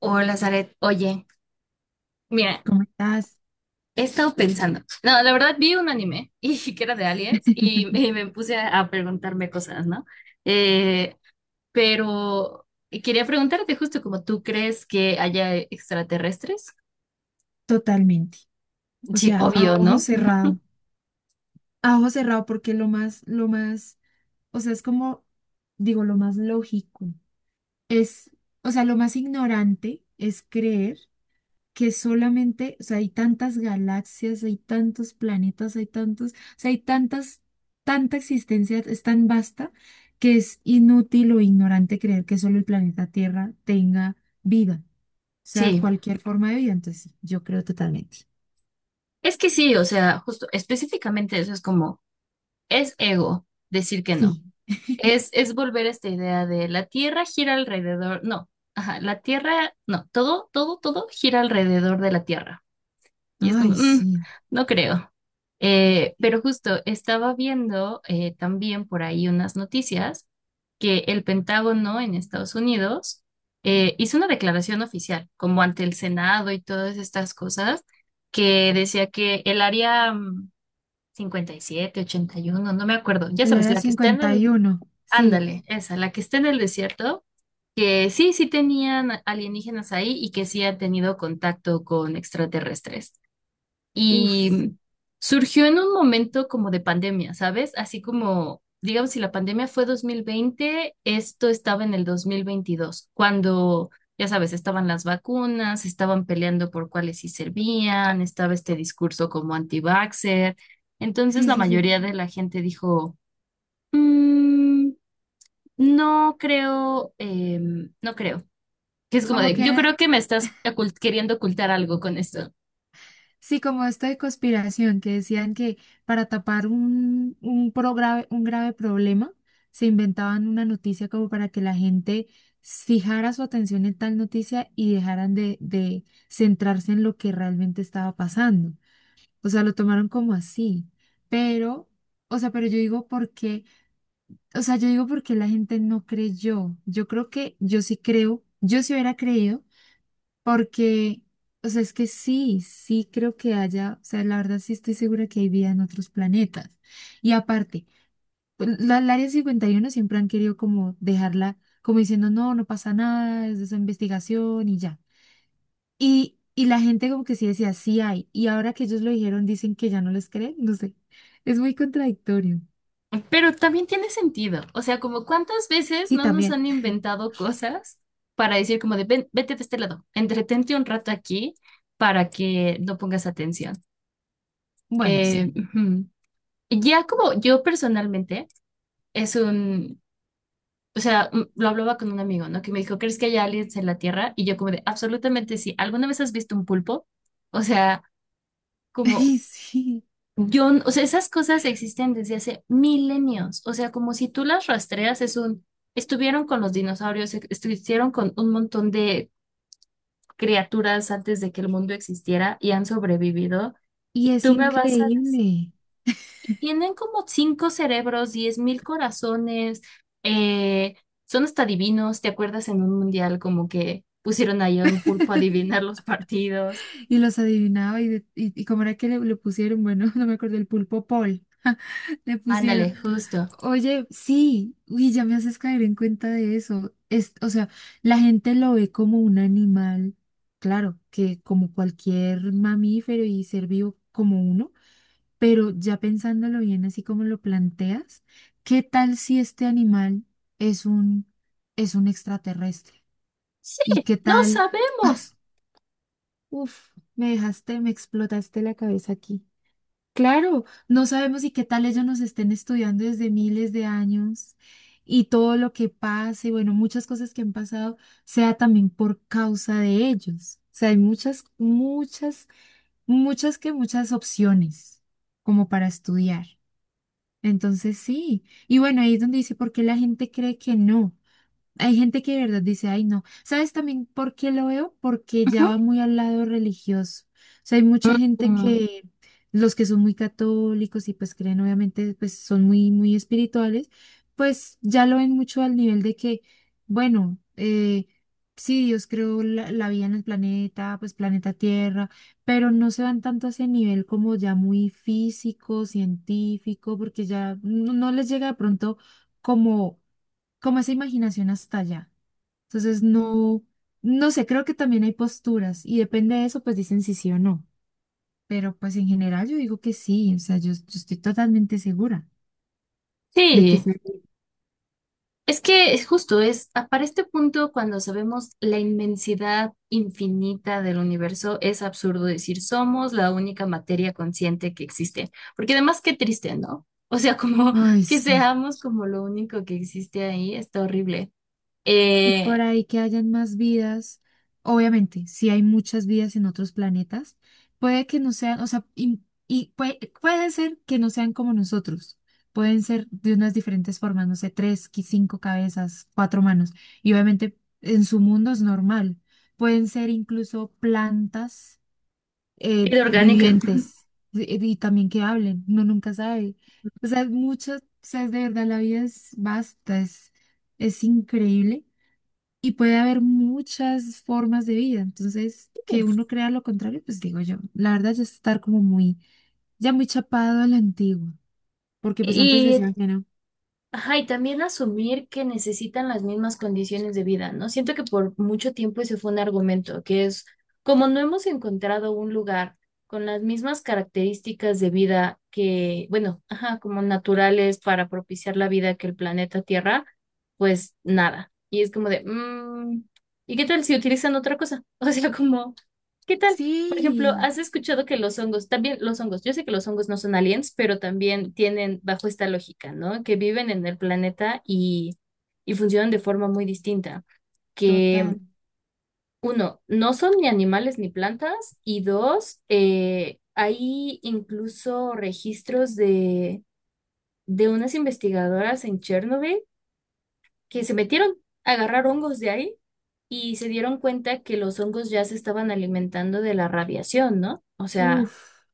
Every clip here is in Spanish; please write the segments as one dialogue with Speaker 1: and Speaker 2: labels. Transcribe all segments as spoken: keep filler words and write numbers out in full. Speaker 1: Hola, Zaret. Oye, mira,
Speaker 2: ¿Cómo estás?
Speaker 1: he estado pensando. No, la verdad vi un anime y que era de aliens y, y me puse a, a preguntarme cosas, ¿no? Eh, pero quería preguntarte justo como tú crees que haya extraterrestres.
Speaker 2: Totalmente. O
Speaker 1: Sí,
Speaker 2: sea, a
Speaker 1: obvio,
Speaker 2: ojo
Speaker 1: ¿no?
Speaker 2: cerrado. A ojo cerrado porque lo más, lo más, o sea, es como, digo, lo más lógico. Es, o sea, lo más ignorante es creer, que solamente, o sea, hay tantas galaxias, hay tantos planetas, hay tantos, o sea, hay tantas, tanta existencia, es tan vasta que es inútil o ignorante creer que solo el planeta Tierra tenga vida, o sea,
Speaker 1: Sí,
Speaker 2: cualquier forma de vida. Entonces, sí, yo creo totalmente.
Speaker 1: es que sí, o sea, justo específicamente eso es como, es ego decir que no.
Speaker 2: Sí,
Speaker 1: Es, es volver a esta idea de la Tierra gira alrededor, no, ajá, la Tierra, no, todo, todo, todo gira alrededor de la Tierra. Y es como,
Speaker 2: ay,
Speaker 1: "Mm,
Speaker 2: sí.
Speaker 1: no creo". Eh, pero justo estaba viendo eh, también por ahí unas noticias que el Pentágono en Estados Unidos eh, hizo una declaración oficial, como ante el Senado y todas estas cosas, que decía que el área mm, cincuenta y siete, ochenta y uno, no me acuerdo, ya
Speaker 2: El
Speaker 1: sabes,
Speaker 2: área
Speaker 1: la que está en
Speaker 2: cincuenta
Speaker 1: el,
Speaker 2: y uno sí.
Speaker 1: ándale, esa, la que está en el desierto, que sí, sí tenían alienígenas ahí y que sí han tenido contacto con extraterrestres
Speaker 2: Uff,
Speaker 1: y surgió en un momento como de pandemia, ¿sabes? Así como, digamos, si la pandemia fue dos mil veinte, esto estaba en el dos mil veintidós, cuando ya sabes, estaban las vacunas, estaban peleando por cuáles sí servían, estaba este discurso como anti-vaxxer. Entonces
Speaker 2: sí,
Speaker 1: la
Speaker 2: sí, sí.
Speaker 1: mayoría de la gente dijo, "Mm, no creo, em, no creo". Que es como
Speaker 2: Como
Speaker 1: de,
Speaker 2: que,
Speaker 1: yo creo que me estás ocult- queriendo ocultar algo con esto.
Speaker 2: sí, como esto de conspiración, que decían que para tapar un, un, pro- grave, un grave problema, se inventaban una noticia como para que la gente fijara su atención en tal noticia y dejaran de, de centrarse en lo que realmente estaba pasando. O sea, lo tomaron como así. Pero, o sea, pero yo digo porque, o sea, yo digo porque la gente no creyó. Yo creo que yo sí creo, yo sí hubiera creído porque, o sea, es que sí, sí creo que haya, o sea, la verdad sí estoy segura que hay vida en otros planetas. Y aparte, pues, la, el Área cincuenta y uno siempre han querido como dejarla, como diciendo, no, no pasa nada, es de esa investigación y ya. Y, y la gente como que sí decía, sí hay. Y ahora que ellos lo dijeron, dicen que ya no les creen, no sé. Es muy contradictorio.
Speaker 1: Pero también tiene sentido. O sea, como cuántas veces
Speaker 2: Sí,
Speaker 1: no nos
Speaker 2: también.
Speaker 1: han inventado cosas para decir como de "Ven, vete de este lado, entretente un rato aquí para que no pongas atención".
Speaker 2: Bueno, sí.
Speaker 1: Eh, ujú. Ya como yo personalmente es un, o sea, mm, lo hablaba con un amigo, ¿no? Que me dijo, ¿crees que hay aliens en la Tierra? Y yo como de, absolutamente sí. ¿Alguna vez has visto un pulpo? O sea, como.
Speaker 2: Ay, sí.
Speaker 1: Yo, n- o sea, esas cosas existen desde hace milenios. O sea, como si tú las rastreas, es un, estuvieron con los dinosaurios, e- estuvieron con un montón de criaturas antes de que el mundo existiera y han sobrevivido.
Speaker 2: Y
Speaker 1: Y
Speaker 2: es
Speaker 1: tú me Mm. vas a decir,
Speaker 2: increíble.
Speaker 1: tienen como cinco cerebros, diez mil corazones, eh, son hasta divinos. ¿Te acuerdas en un mundial como que pusieron ahí a un pulpo a adivinar los partidos?
Speaker 2: Y los adivinaba y, de- y, y cómo era que le, le pusieron, bueno, no me acuerdo, el pulpo Paul. Le pusieron,
Speaker 1: Ándale, justo.
Speaker 2: oye, sí, uy, ya me haces caer en cuenta de eso. Es, o sea, la gente lo ve como un animal, claro, que como cualquier mamífero y ser vivo como uno, pero ya pensándolo bien, así como lo planteas, ¿qué tal si este animal es un, es un extraterrestre?
Speaker 1: Sí,
Speaker 2: ¿Y qué
Speaker 1: no
Speaker 2: tal?
Speaker 1: sabemos.
Speaker 2: Uf, me dejaste, me explotaste la cabeza aquí. Claro, no sabemos, y qué tal ellos nos estén estudiando desde miles de años y todo lo que pase, bueno, muchas cosas que han pasado, sea también por causa de ellos. O sea, hay muchas, muchas, muchas que muchas opciones como para estudiar. Entonces, sí. Y bueno, ahí es donde dice, ¿por qué la gente cree que no? Hay gente que de verdad dice, ay, no. ¿Sabes también por qué lo veo? Porque ya va muy al lado religioso. O sea, hay mucha
Speaker 1: Ujú.
Speaker 2: gente
Speaker 1: Mm.
Speaker 2: que, los que son muy católicos y pues creen, obviamente, pues son muy, muy espirituales, pues ya lo ven mucho al nivel de que, bueno, eh, sí, Dios creó la, la vida en el planeta, pues planeta Tierra, pero no se van tanto a ese nivel como ya muy físico, científico, porque ya no no les llega de pronto como como esa imaginación hasta allá. Entonces, no, no sé, creo que también hay posturas y depende de eso, pues dicen si sí o no. Pero pues en general yo digo que sí, o sea, yo, yo estoy totalmente segura de que
Speaker 1: Sí,
Speaker 2: sí.
Speaker 1: es que es justo, es a- para este punto cuando sabemos la inmensidad infinita del universo, es absurdo decir somos la única materia consciente que existe, porque además qué triste, ¿no? O sea, como
Speaker 2: Ay,
Speaker 1: que
Speaker 2: sí.
Speaker 1: seamos como lo único que existe ahí, está horrible.
Speaker 2: Y por
Speaker 1: Eh,
Speaker 2: ahí que hayan más vidas, obviamente, si hay muchas vidas en otros planetas, puede que no sean, o sea, y, y puede, puede ser que no sean como nosotros, pueden ser de unas diferentes formas, no sé, tres, qui- cinco cabezas, cuatro manos, y obviamente en su mundo es normal, pueden ser incluso plantas eh,
Speaker 1: Vida orgánica.
Speaker 2: vivientes y, y también que hablen, uno nunca sabe. O sea, mucho, o sea, de verdad, la vida es vasta, es, es increíble. Y puede haber muchas formas de vida. Entonces,
Speaker 1: Sí.
Speaker 2: que uno crea lo contrario, pues digo yo, la verdad ya es estar como muy, ya muy chapado a la antigua, porque pues antes
Speaker 1: Y,
Speaker 2: decían que no.
Speaker 1: ajá, y también asumir que necesitan las mismas condiciones de vida, ¿no? Siento que por mucho tiempo ese fue un argumento, que es como no hemos encontrado un lugar con las mismas características de vida que, bueno, ajá, como naturales para propiciar la vida que el planeta Tierra, pues nada. Y es como de, mm, ¿y qué tal si utilizan otra cosa? O sea, como, ¿qué tal? Por ejemplo,
Speaker 2: Sí,
Speaker 1: ¿has escuchado que los hongos, también los hongos, yo sé que los hongos no son aliens, pero también tienen bajo esta lógica, ¿no? Que viven en el planeta y, y funcionan de forma muy distinta. Que,
Speaker 2: total.
Speaker 1: uno, no son ni animales ni plantas, y dos, eh, hay incluso registros de, de unas investigadoras en Chernobyl que se metieron a agarrar hongos de ahí y se dieron cuenta que los hongos ya se estaban alimentando de la radiación, ¿no? O sea,
Speaker 2: Uf, o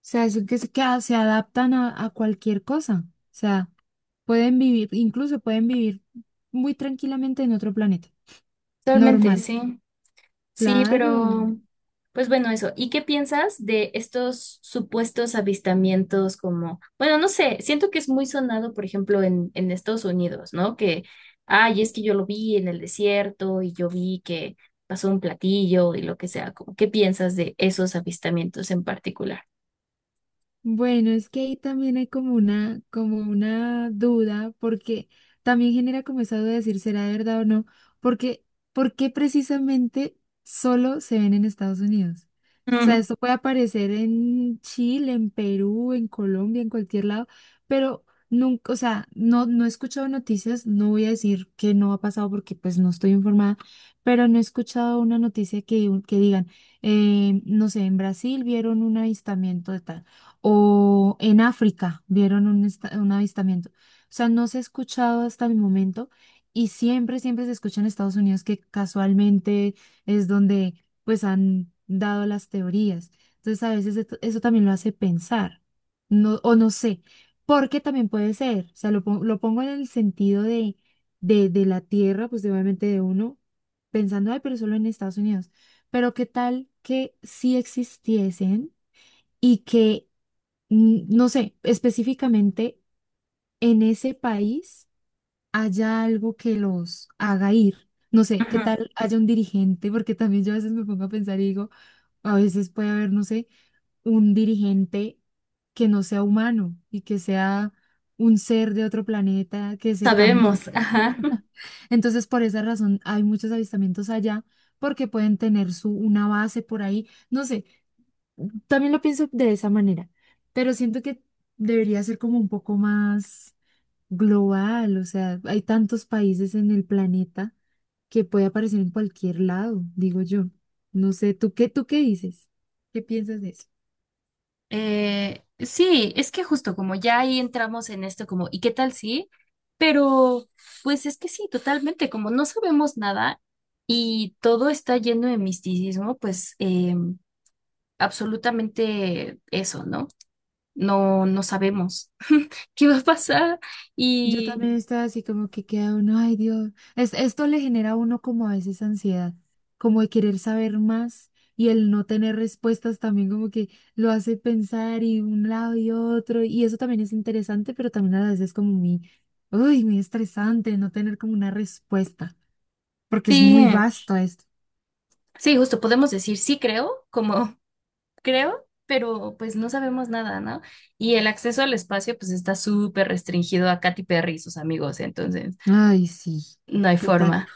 Speaker 2: sea, es que, se que a- se adaptan a, a cualquier cosa. O sea, pueden vivir, incluso pueden vivir muy tranquilamente en otro planeta.
Speaker 1: totalmente,
Speaker 2: Normal.
Speaker 1: sí. Sí,
Speaker 2: Claro.
Speaker 1: pero pues bueno, eso. ¿Y qué piensas de estos supuestos avistamientos? Como, bueno, no sé, siento que es muy sonado, por ejemplo, en, en Estados Unidos, ¿no? Que ay, es que yo lo vi en el desierto y yo vi que pasó un platillo y lo que sea. Como, ¿qué piensas de esos avistamientos en particular?
Speaker 2: Bueno, es que ahí también hay como una, como una duda, porque también genera como esa duda de decir, ¿será de verdad o no? Porque, ¿por qué precisamente solo se ven en Estados Unidos? O sea,
Speaker 1: Mm,
Speaker 2: esto puede aparecer en Chile, en Perú, en Colombia, en cualquier lado, pero nunca, o sea, no, no he escuchado noticias, no voy a decir que no ha pasado porque pues no estoy informada, pero no he escuchado una noticia que, que digan, eh, no sé, en Brasil vieron un avistamiento de tal o en África vieron un, esta- un avistamiento. O sea, no se ha escuchado hasta el momento y siempre, siempre se escucha en Estados Unidos que casualmente es donde pues han dado las teorías. Entonces a veces esto- eso también lo hace pensar, no, o no sé, porque también puede ser, o sea, lo, pon- lo pongo en el sentido de, de, de la tierra, pues de, obviamente de uno, pensando, ay, pero solo en Estados Unidos. Pero qué tal que sí existiesen y que n- no sé, específicamente en ese país haya algo que los haga ir. No sé, qué
Speaker 1: ujú.
Speaker 2: tal haya un dirigente, porque también yo a veces me pongo a pensar y digo, a veces puede haber, no sé, un dirigente que no sea humano y que sea un ser de otro planeta que se cambie.
Speaker 1: Sabemos, ajá.
Speaker 2: Entonces, por esa razón hay muchos avistamientos allá porque pueden tener su una base por ahí. No sé, también lo pienso de esa manera, pero siento que debería ser como un poco más global, o sea, hay tantos países en el planeta que puede aparecer en cualquier lado, digo yo. No sé, ¿tú qué, tú qué dices? ¿Qué piensas de eso?
Speaker 1: Eh, sí, es que justo como ya ahí entramos en esto como, ¿y qué tal sí? Pero pues es que sí, totalmente, como no sabemos nada y todo está lleno de misticismo, pues eh, absolutamente eso, ¿no? No, no sabemos qué va a pasar
Speaker 2: Yo también
Speaker 1: y
Speaker 2: estaba así como que queda uno, ay, Dios, es, esto le genera a uno como a veces ansiedad, como de querer saber más y el no tener respuestas también como que lo hace pensar y un lado y otro, y eso también es interesante, pero también a veces es como muy, uy, muy estresante no tener como una respuesta, porque
Speaker 1: sí,
Speaker 2: es muy vasto esto.
Speaker 1: sí, justo podemos decir sí creo, como creo, pero pues no sabemos nada, ¿no? Y el acceso al espacio pues está súper restringido a Katy Perry y sus amigos, entonces
Speaker 2: Ay, sí,
Speaker 1: no hay
Speaker 2: total.
Speaker 1: forma.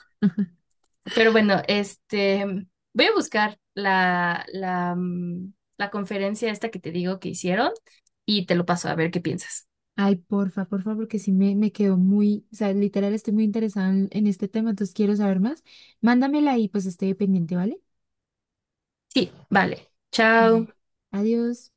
Speaker 1: Pero bueno, este, voy a buscar la, la, mm, la conferencia esta que te digo que hicieron y te lo paso a ver qué piensas.
Speaker 2: Ay, porfa, porfa, porque sí me, me quedó muy, o sea, literal estoy muy interesada en, en este tema, entonces quiero saber más. Mándamela y pues estoy pendiente, ¿vale?
Speaker 1: Sí, vale.
Speaker 2: Mm.
Speaker 1: Chao.
Speaker 2: Adiós.